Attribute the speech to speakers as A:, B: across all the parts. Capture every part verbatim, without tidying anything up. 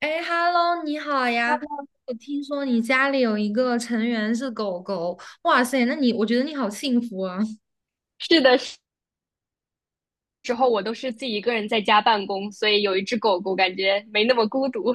A: 哎，Hello，你好呀！我听说你家里有一个成员是狗狗，哇塞，那你我觉得你好幸福啊！
B: 是的时时候，我都是自己一个人在家办公，所以有一只狗狗，感觉没那么孤独。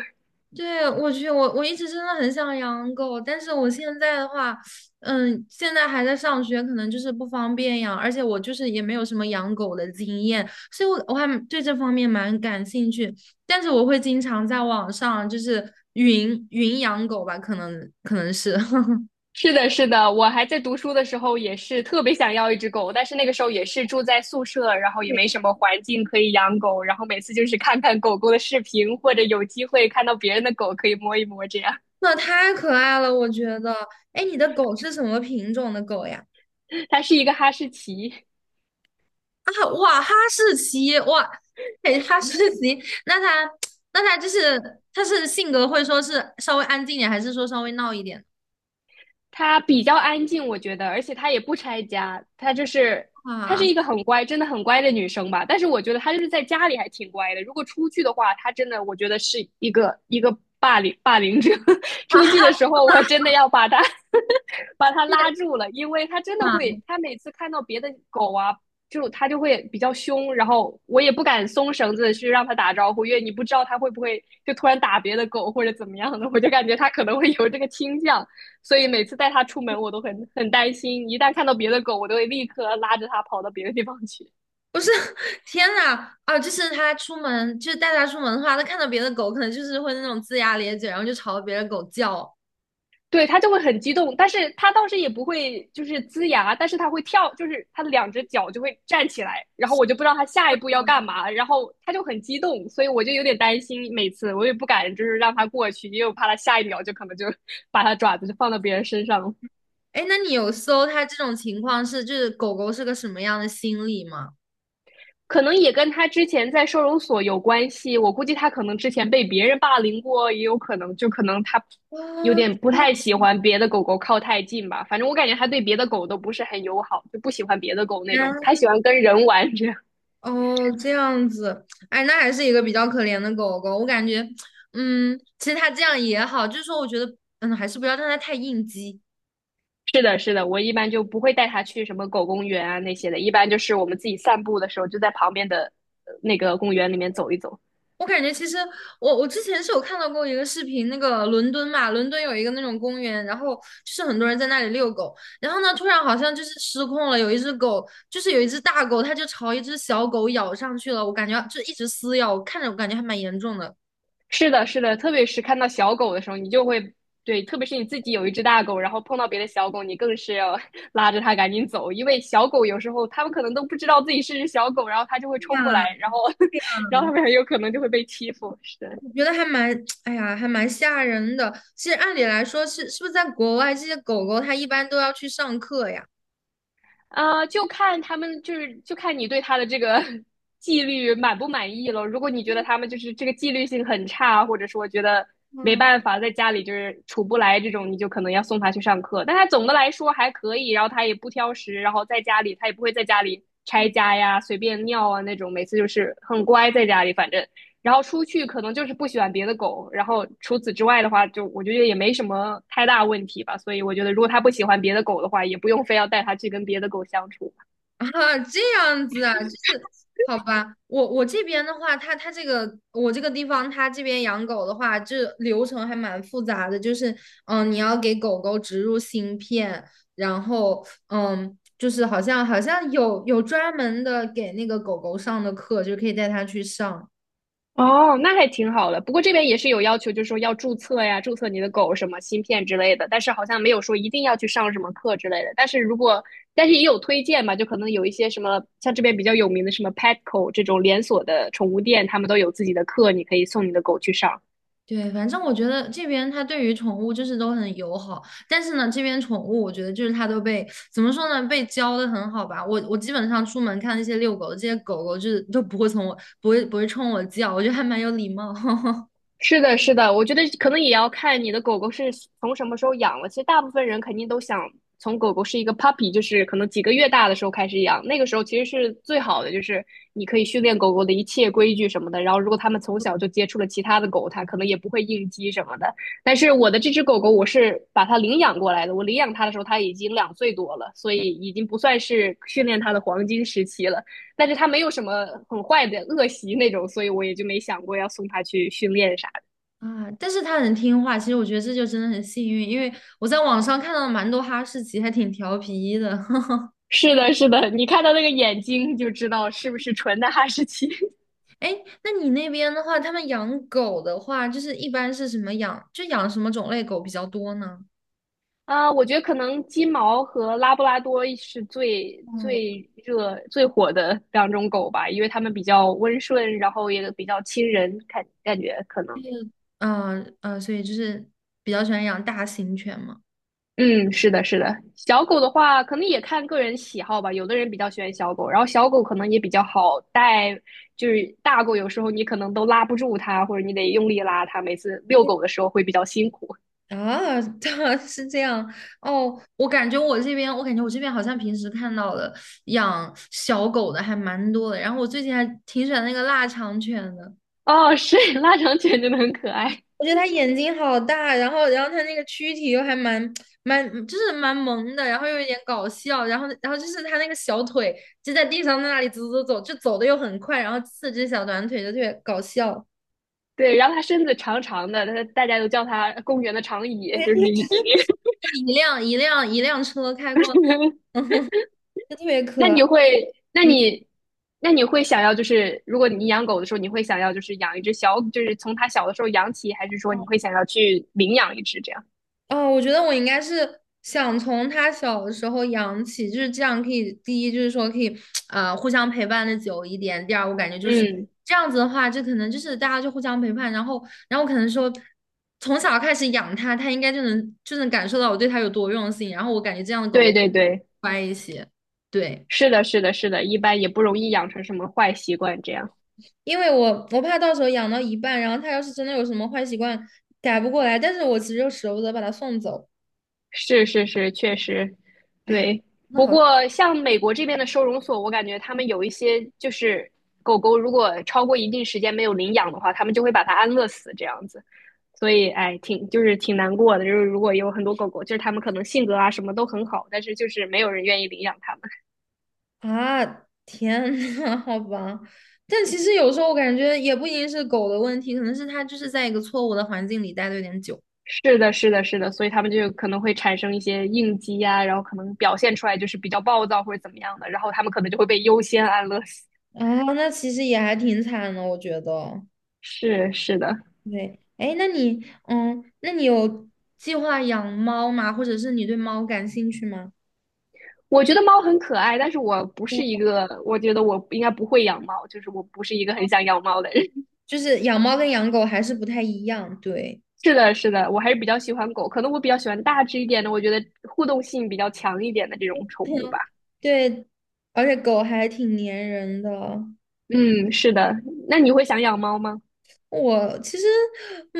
A: 对，我去，我我一直真的很想养狗，但是我现在的话，嗯，现在还在上学，可能就是不方便养，而且我就是也没有什么养狗的经验，所以我我还蛮对这方面蛮感兴趣，但是我会经常在网上就是云云养狗吧，可能可能是。
B: 是的，是的，我还在读书的时候也是特别想要一只狗，但是那个时候也是住在宿舍，然后也没什么环境可以养狗，然后每次就是看看狗狗的视频，或者有机会看到别人的狗可以摸一摸，这样。
A: 那太可爱了，我觉得。哎，你的狗是什么品种的狗呀？
B: 它是一个哈士奇，
A: 啊，哇，哈士奇，哇，哎，哈士奇，那它，那它就是，它是性格会说是稍微安静一点，还是说稍微闹一点？
B: 它比较安静，我觉得，而且它也不拆家，它就是她是
A: 啊
B: 一个很乖，真的很乖的女生吧。但是我觉得她就是在家里还挺乖的，如果出去的话，她真的我觉得是一个一个霸凌霸凌者。
A: 啊，
B: 出去的时候，我真的要把她 把她拉住了，因为她真的
A: 啊，
B: 会，她每次看到别的狗啊。就它就会比较凶，然后我也不敢松绳子去让它打招呼，因为你不知道它会不会就突然打别的狗或者怎么样的，我就感觉它可能会有这个倾向。所以每次带它出门，我都很很担心，一旦看到别的狗，我都会立刻拉着它跑到别的地方去。
A: 不是，天呐，啊，就是它出门，就是带它出门的话，它看到别的狗，可能就是会那种龇牙咧嘴，然后就朝别的狗叫。
B: 对，它就会很激动，但是它倒是也不会就是龇牙，但是它会跳，就是它的两只脚就会站起来，然后我就不知道它下一步要干嘛，然后它就很激动，所以我就有点担心，每次我也不敢就是让它过去，因为我怕它下一秒就可能就 把它爪子就放到别人身上了。
A: 哎，那你有搜它这种情况是，就是狗狗是个什么样的心理吗？
B: 可能也跟他之前在收容所有关系。我估计他可能之前被别人霸凌过，也有可能，就可能他有
A: 哦，
B: 点不太喜欢别的狗狗靠太近吧。反正我感觉他对别的狗都不是很友好，就不喜欢别的狗那
A: 天。
B: 种，他喜欢跟人玩这样。
A: 哦，这样子，哎，那还是一个比较可怜的狗狗。我感觉，嗯，其实它这样也好，就是说，我觉得，嗯，还是不要让它太应激。
B: 是的，是的，我一般就不会带它去什么狗公园啊那些的，一般就是我们自己散步的时候，就在旁边的呃那个公园里面走一走。
A: 我感觉其实我我之前是有看到过一个视频，那个伦敦嘛，伦敦有一个那种公园，然后就是很多人在那里遛狗，然后呢，突然好像就是失控了，有一只狗，就是有一只大狗，它就朝一只小狗咬上去了，我感觉就一直撕咬，我看着我感觉还蛮严重的。
B: 是的，是的，特别是看到小狗的时候，你就会对，特别是你自己有一只大狗，然后碰到别的小狗，你更是要 拉着它赶紧走，因为小狗有时候它们可能都不知道自己是只小狗，然后它就会冲过来，然后 然后它们很有可能就会被欺负。是的，
A: 我觉得还蛮，哎呀，还蛮吓人的。其实按理来说是，是不是在国外这些狗狗它一般都要去上课呀？
B: 啊，就看他们，就是就看你对他的这个 纪律满不满意了。如果你觉得他们就是这个纪律性很差，或者说觉得没
A: 嗯，
B: 办法在家里就是处不来这种，你就可能要送他去上课。但他总的来说还可以，然后他也不挑食，然后在家里他也不会在家里拆家呀、随便尿啊那种，每次就是很乖在家里，反正然后出去可能就是不喜欢别的狗，然后除此之外的话，就我觉得也没什么太大问题吧。所以我觉得，如果他不喜欢别的狗的话，也不用非要带它去跟别的狗相处。
A: 啊，这样子啊，就是好吧。我我这边的话，它它这个我这个地方，它这边养狗的话，这流程还蛮复杂的。就是嗯，呃你要给狗狗植入芯片，然后嗯，就是好像好像有有专门的给那个狗狗上的课，就可以带它去上。
B: 哦，那还挺好的。不过这边也是有要求，就是说要注册呀，注册你的狗什么芯片之类的，但是好像没有说一定要去上什么课之类的。但是如果，但是也有推荐嘛，就可能有一些什么像这边比较有名的什么 Petco 这种连锁的宠物店，他们都有自己的课，你可以送你的狗去上。
A: 对，反正我觉得这边它对于宠物就是都很友好，但是呢，这边宠物我觉得就是它都被怎么说呢，被教的很好吧。我我基本上出门看那些遛狗的这些狗狗，就是都不会从我不会不会冲我叫，我觉得还蛮有礼貌
B: 是的，是的，我觉得可能也要看你的狗狗是从什么时候养了。其实大部分人肯定都想从狗狗是一个 puppy，就是可能几个月大的时候开始养，那个时候其实是最好的，就是你可以训练狗狗的一切规矩什么的。然后，如果它们从小就接触了其他的狗，它可能也不会应激什么的。但是我的这只狗狗，我是把它领养过来的，我领养它的时候它已经两岁多了，所以已经不算是训练它的黄金时期了。但是它没有什么很坏的恶习那种，所以我也就没想过要送它去训练啥。
A: 啊。但是它很听话，其实我觉得这就真的很幸运，因为我在网上看到了蛮多哈士奇，还挺调皮的。
B: 是的，是的，你看到那个眼睛就知道是不是纯的哈士奇。
A: 哎那你那边的话，他们养狗的话，就是一般是什么养，就养什么种类狗比较多呢？
B: 啊，我觉得可能金毛和拉布拉多是最最热、最火的两种狗吧，因为它们比较温顺，然后也比较亲人，感感觉可能。
A: 嗯嗯，所以就是比较喜欢养大型犬嘛。
B: 嗯，是的，是的。小狗的话，可能也看个人喜好吧。有的人比较喜欢小狗，然后小狗可能也比较好带，就是大狗有时候你可能都拉不住它，或者你得用力拉它，每次遛狗的时候会比较辛苦。
A: 啊，对啊是这样哦。我感觉我这边，我感觉我这边好像平时看到的养小狗的还蛮多的。然后我最近还挺喜欢那个腊肠犬的，
B: 哦，是腊肠犬真的很可爱。
A: 我觉得它眼睛好大，然后然后它那个躯体又还蛮蛮就是蛮萌的，然后又有一点搞笑，然后然后就是它那个小腿就在地上在那里走走走，就走的又很快，然后四只小短腿就特别搞笑。
B: 对，然后它身子长长的，它大家都叫它公园的长椅，就是一一。
A: 一辆一辆一辆车开过。就特别
B: 那
A: 可爱
B: 你会，那
A: 嗯，
B: 你，那你会想要，就是如果你养狗的时候，你会想要就是养一只小，就是从它小的时候养起，还是说你会想要去领养一只这样？
A: 哦，我觉得我应该是想从它小的时候养起，就是这样可以，第一就是说可以啊，呃，互相陪伴的久一点。第二，我感觉就是
B: 嗯，
A: 这样子的话，就可能就是大家就互相陪伴，然后，然后可能说从小开始养它，它应该就能就能感受到我对它有多用心。然后我感觉这样的狗
B: 对
A: 狗
B: 对对，
A: 乖一些，对。
B: 是的，是的，是的，一般也不容易养成什么坏习惯这样。
A: 因为我我怕到时候养到一半，然后它要是真的有什么坏习惯改不过来，但是我其实又舍不得把它送走，
B: 是是是，确实，
A: 哎，
B: 对。
A: 那
B: 不
A: 好。
B: 过像美国这边的收容所，我感觉他们有一些就是狗狗如果超过一定时间没有领养的话，他们就会把它安乐死这样子。所以，哎，挺就是挺难过的。就是如果有很多狗狗，就是他们可能性格啊什么都很好，但是就是没有人愿意领养他们。
A: 啊，天呐，好吧，但其实有时候我感觉也不一定是狗的问题，可能是它就是在一个错误的环境里待的有点久
B: 是的，是的，是的，所以他们就可能会产生一些应激啊，然后可能表现出来就是比较暴躁或者怎么样的，然后他们可能就会被优先安乐死。
A: 啊，那其实也还挺惨的，我觉得。
B: 是是的，
A: 对，哎，那你，嗯，那你有计划养猫吗？或者是你对猫感兴趣吗？
B: 我觉得猫很可爱，但是我不是
A: 对，
B: 一个，我觉得我应该不会养猫，就是我不是一个很想养猫的人。
A: 就是养猫跟养狗还是不太一样，对，
B: 是的，是的，我还是比较喜欢狗，可能我比较喜欢大只一点的，我觉得互动性比较强一点的这种宠物吧。
A: 对，而且狗还挺粘人的。
B: 嗯，是的。那你会想养猫吗？
A: 我其实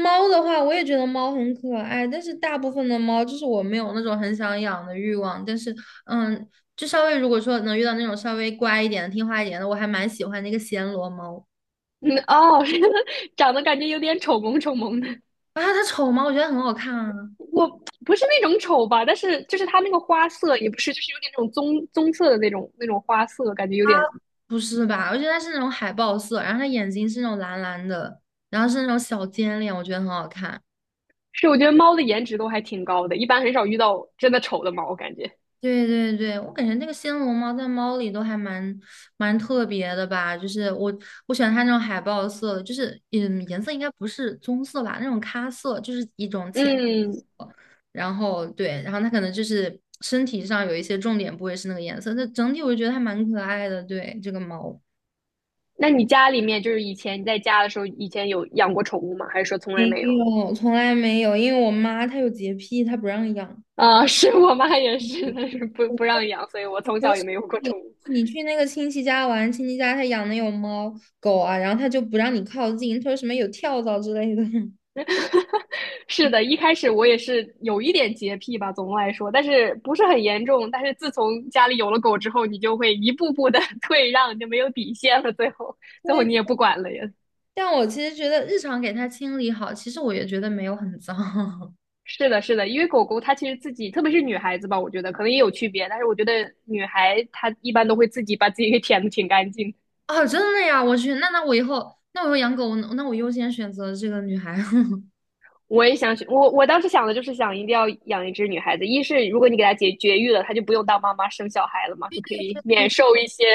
A: 猫的话，我也觉得猫很可爱，但是大部分的猫就是我没有那种很想养的欲望，但是嗯，就稍微如果说能遇到那种稍微乖一点的、听话一点的，我还蛮喜欢那个暹罗猫
B: 嗯，哦，长得感觉有点丑萌丑萌的。
A: 啊，它丑吗？我觉得很好看啊，
B: 我不是那种丑吧，但是就是它那个花色也不是，就是有点那种棕棕色的那种那种花色，感觉有点
A: 不是吧？我觉得它是那种海豹色，然后它眼睛是那种蓝蓝的，然后是那种小尖脸，我觉得很好看。
B: 是。我觉得猫的颜值都还挺高的，一般很少遇到真的丑的猫，我感觉。
A: 对对对，我感觉那个暹罗猫在猫里都还蛮蛮特别的吧，就是我我喜欢它那种海豹色的就是嗯颜色应该不是棕色吧，那种咖色就是一种浅，
B: 嗯，
A: 然后对，然后它可能就是身体上有一些重点部位是那个颜色，但整体我就觉得它蛮可爱的，对这个猫。
B: 那你家里面就是以前你在家的时候，以前有养过宠物吗？还是说从
A: 没
B: 来没有？
A: 有，从来没有，因为我妈她有洁癖，她不让养。
B: 啊、是我妈也是，但是不不让养，所以我从小也 没有过宠物。
A: 你去那个亲戚家玩，亲戚家他养的有猫狗啊，然后他就不让你靠近，他说什么有跳蚤之类的。
B: 是的，一开始我也是有一点洁癖吧，总的来说，但是不是很严重。但是自从家里有了狗之后，你就会一步步的 退让，就没有底线了。最后，
A: 对，
B: 最后你也不管了呀。
A: 但我其实觉得日常给它清理好，其实我也觉得没有很脏。
B: 是的，是的，因为狗狗它其实自己，特别是女孩子吧，我觉得可能也有区别，但是我觉得女孩她一般都会自己把自己给舔的挺干净。
A: 哦，真的呀，我去，那那我以后，那我以后养狗，那我优先选择这个女孩。
B: 我也想去，我我当时想的就是想一定要养一只女孩子，一是如果你给她绝绝育了，她就不用当妈妈生小孩了嘛，就可以 免受一些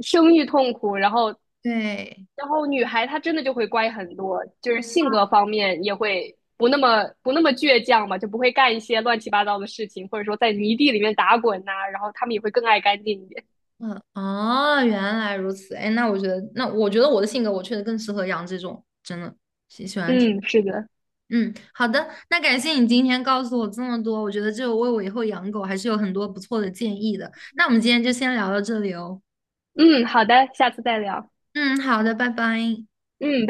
B: 生育痛苦。然后，
A: 对，
B: 然后女孩她真的就会乖很多，就是性格方面也会不那么不那么倔强嘛，就不会干一些乱七八糟的事情，或者说在泥地里面打滚呐、然后她们也会更爱干净一点。
A: 嗯，哦，原来如此。哎，那我觉得，那我觉得我的性格，我确实更适合养这种，真的。
B: 嗯，是的，
A: 嗯，好的，那感谢你今天告诉我这么多，我觉得这为我以后养狗还是有很多不错的建议的。那我们今天就先聊到这里哦。
B: 嗯，好的，下次再聊，
A: 嗯，好的，拜拜。
B: 嗯。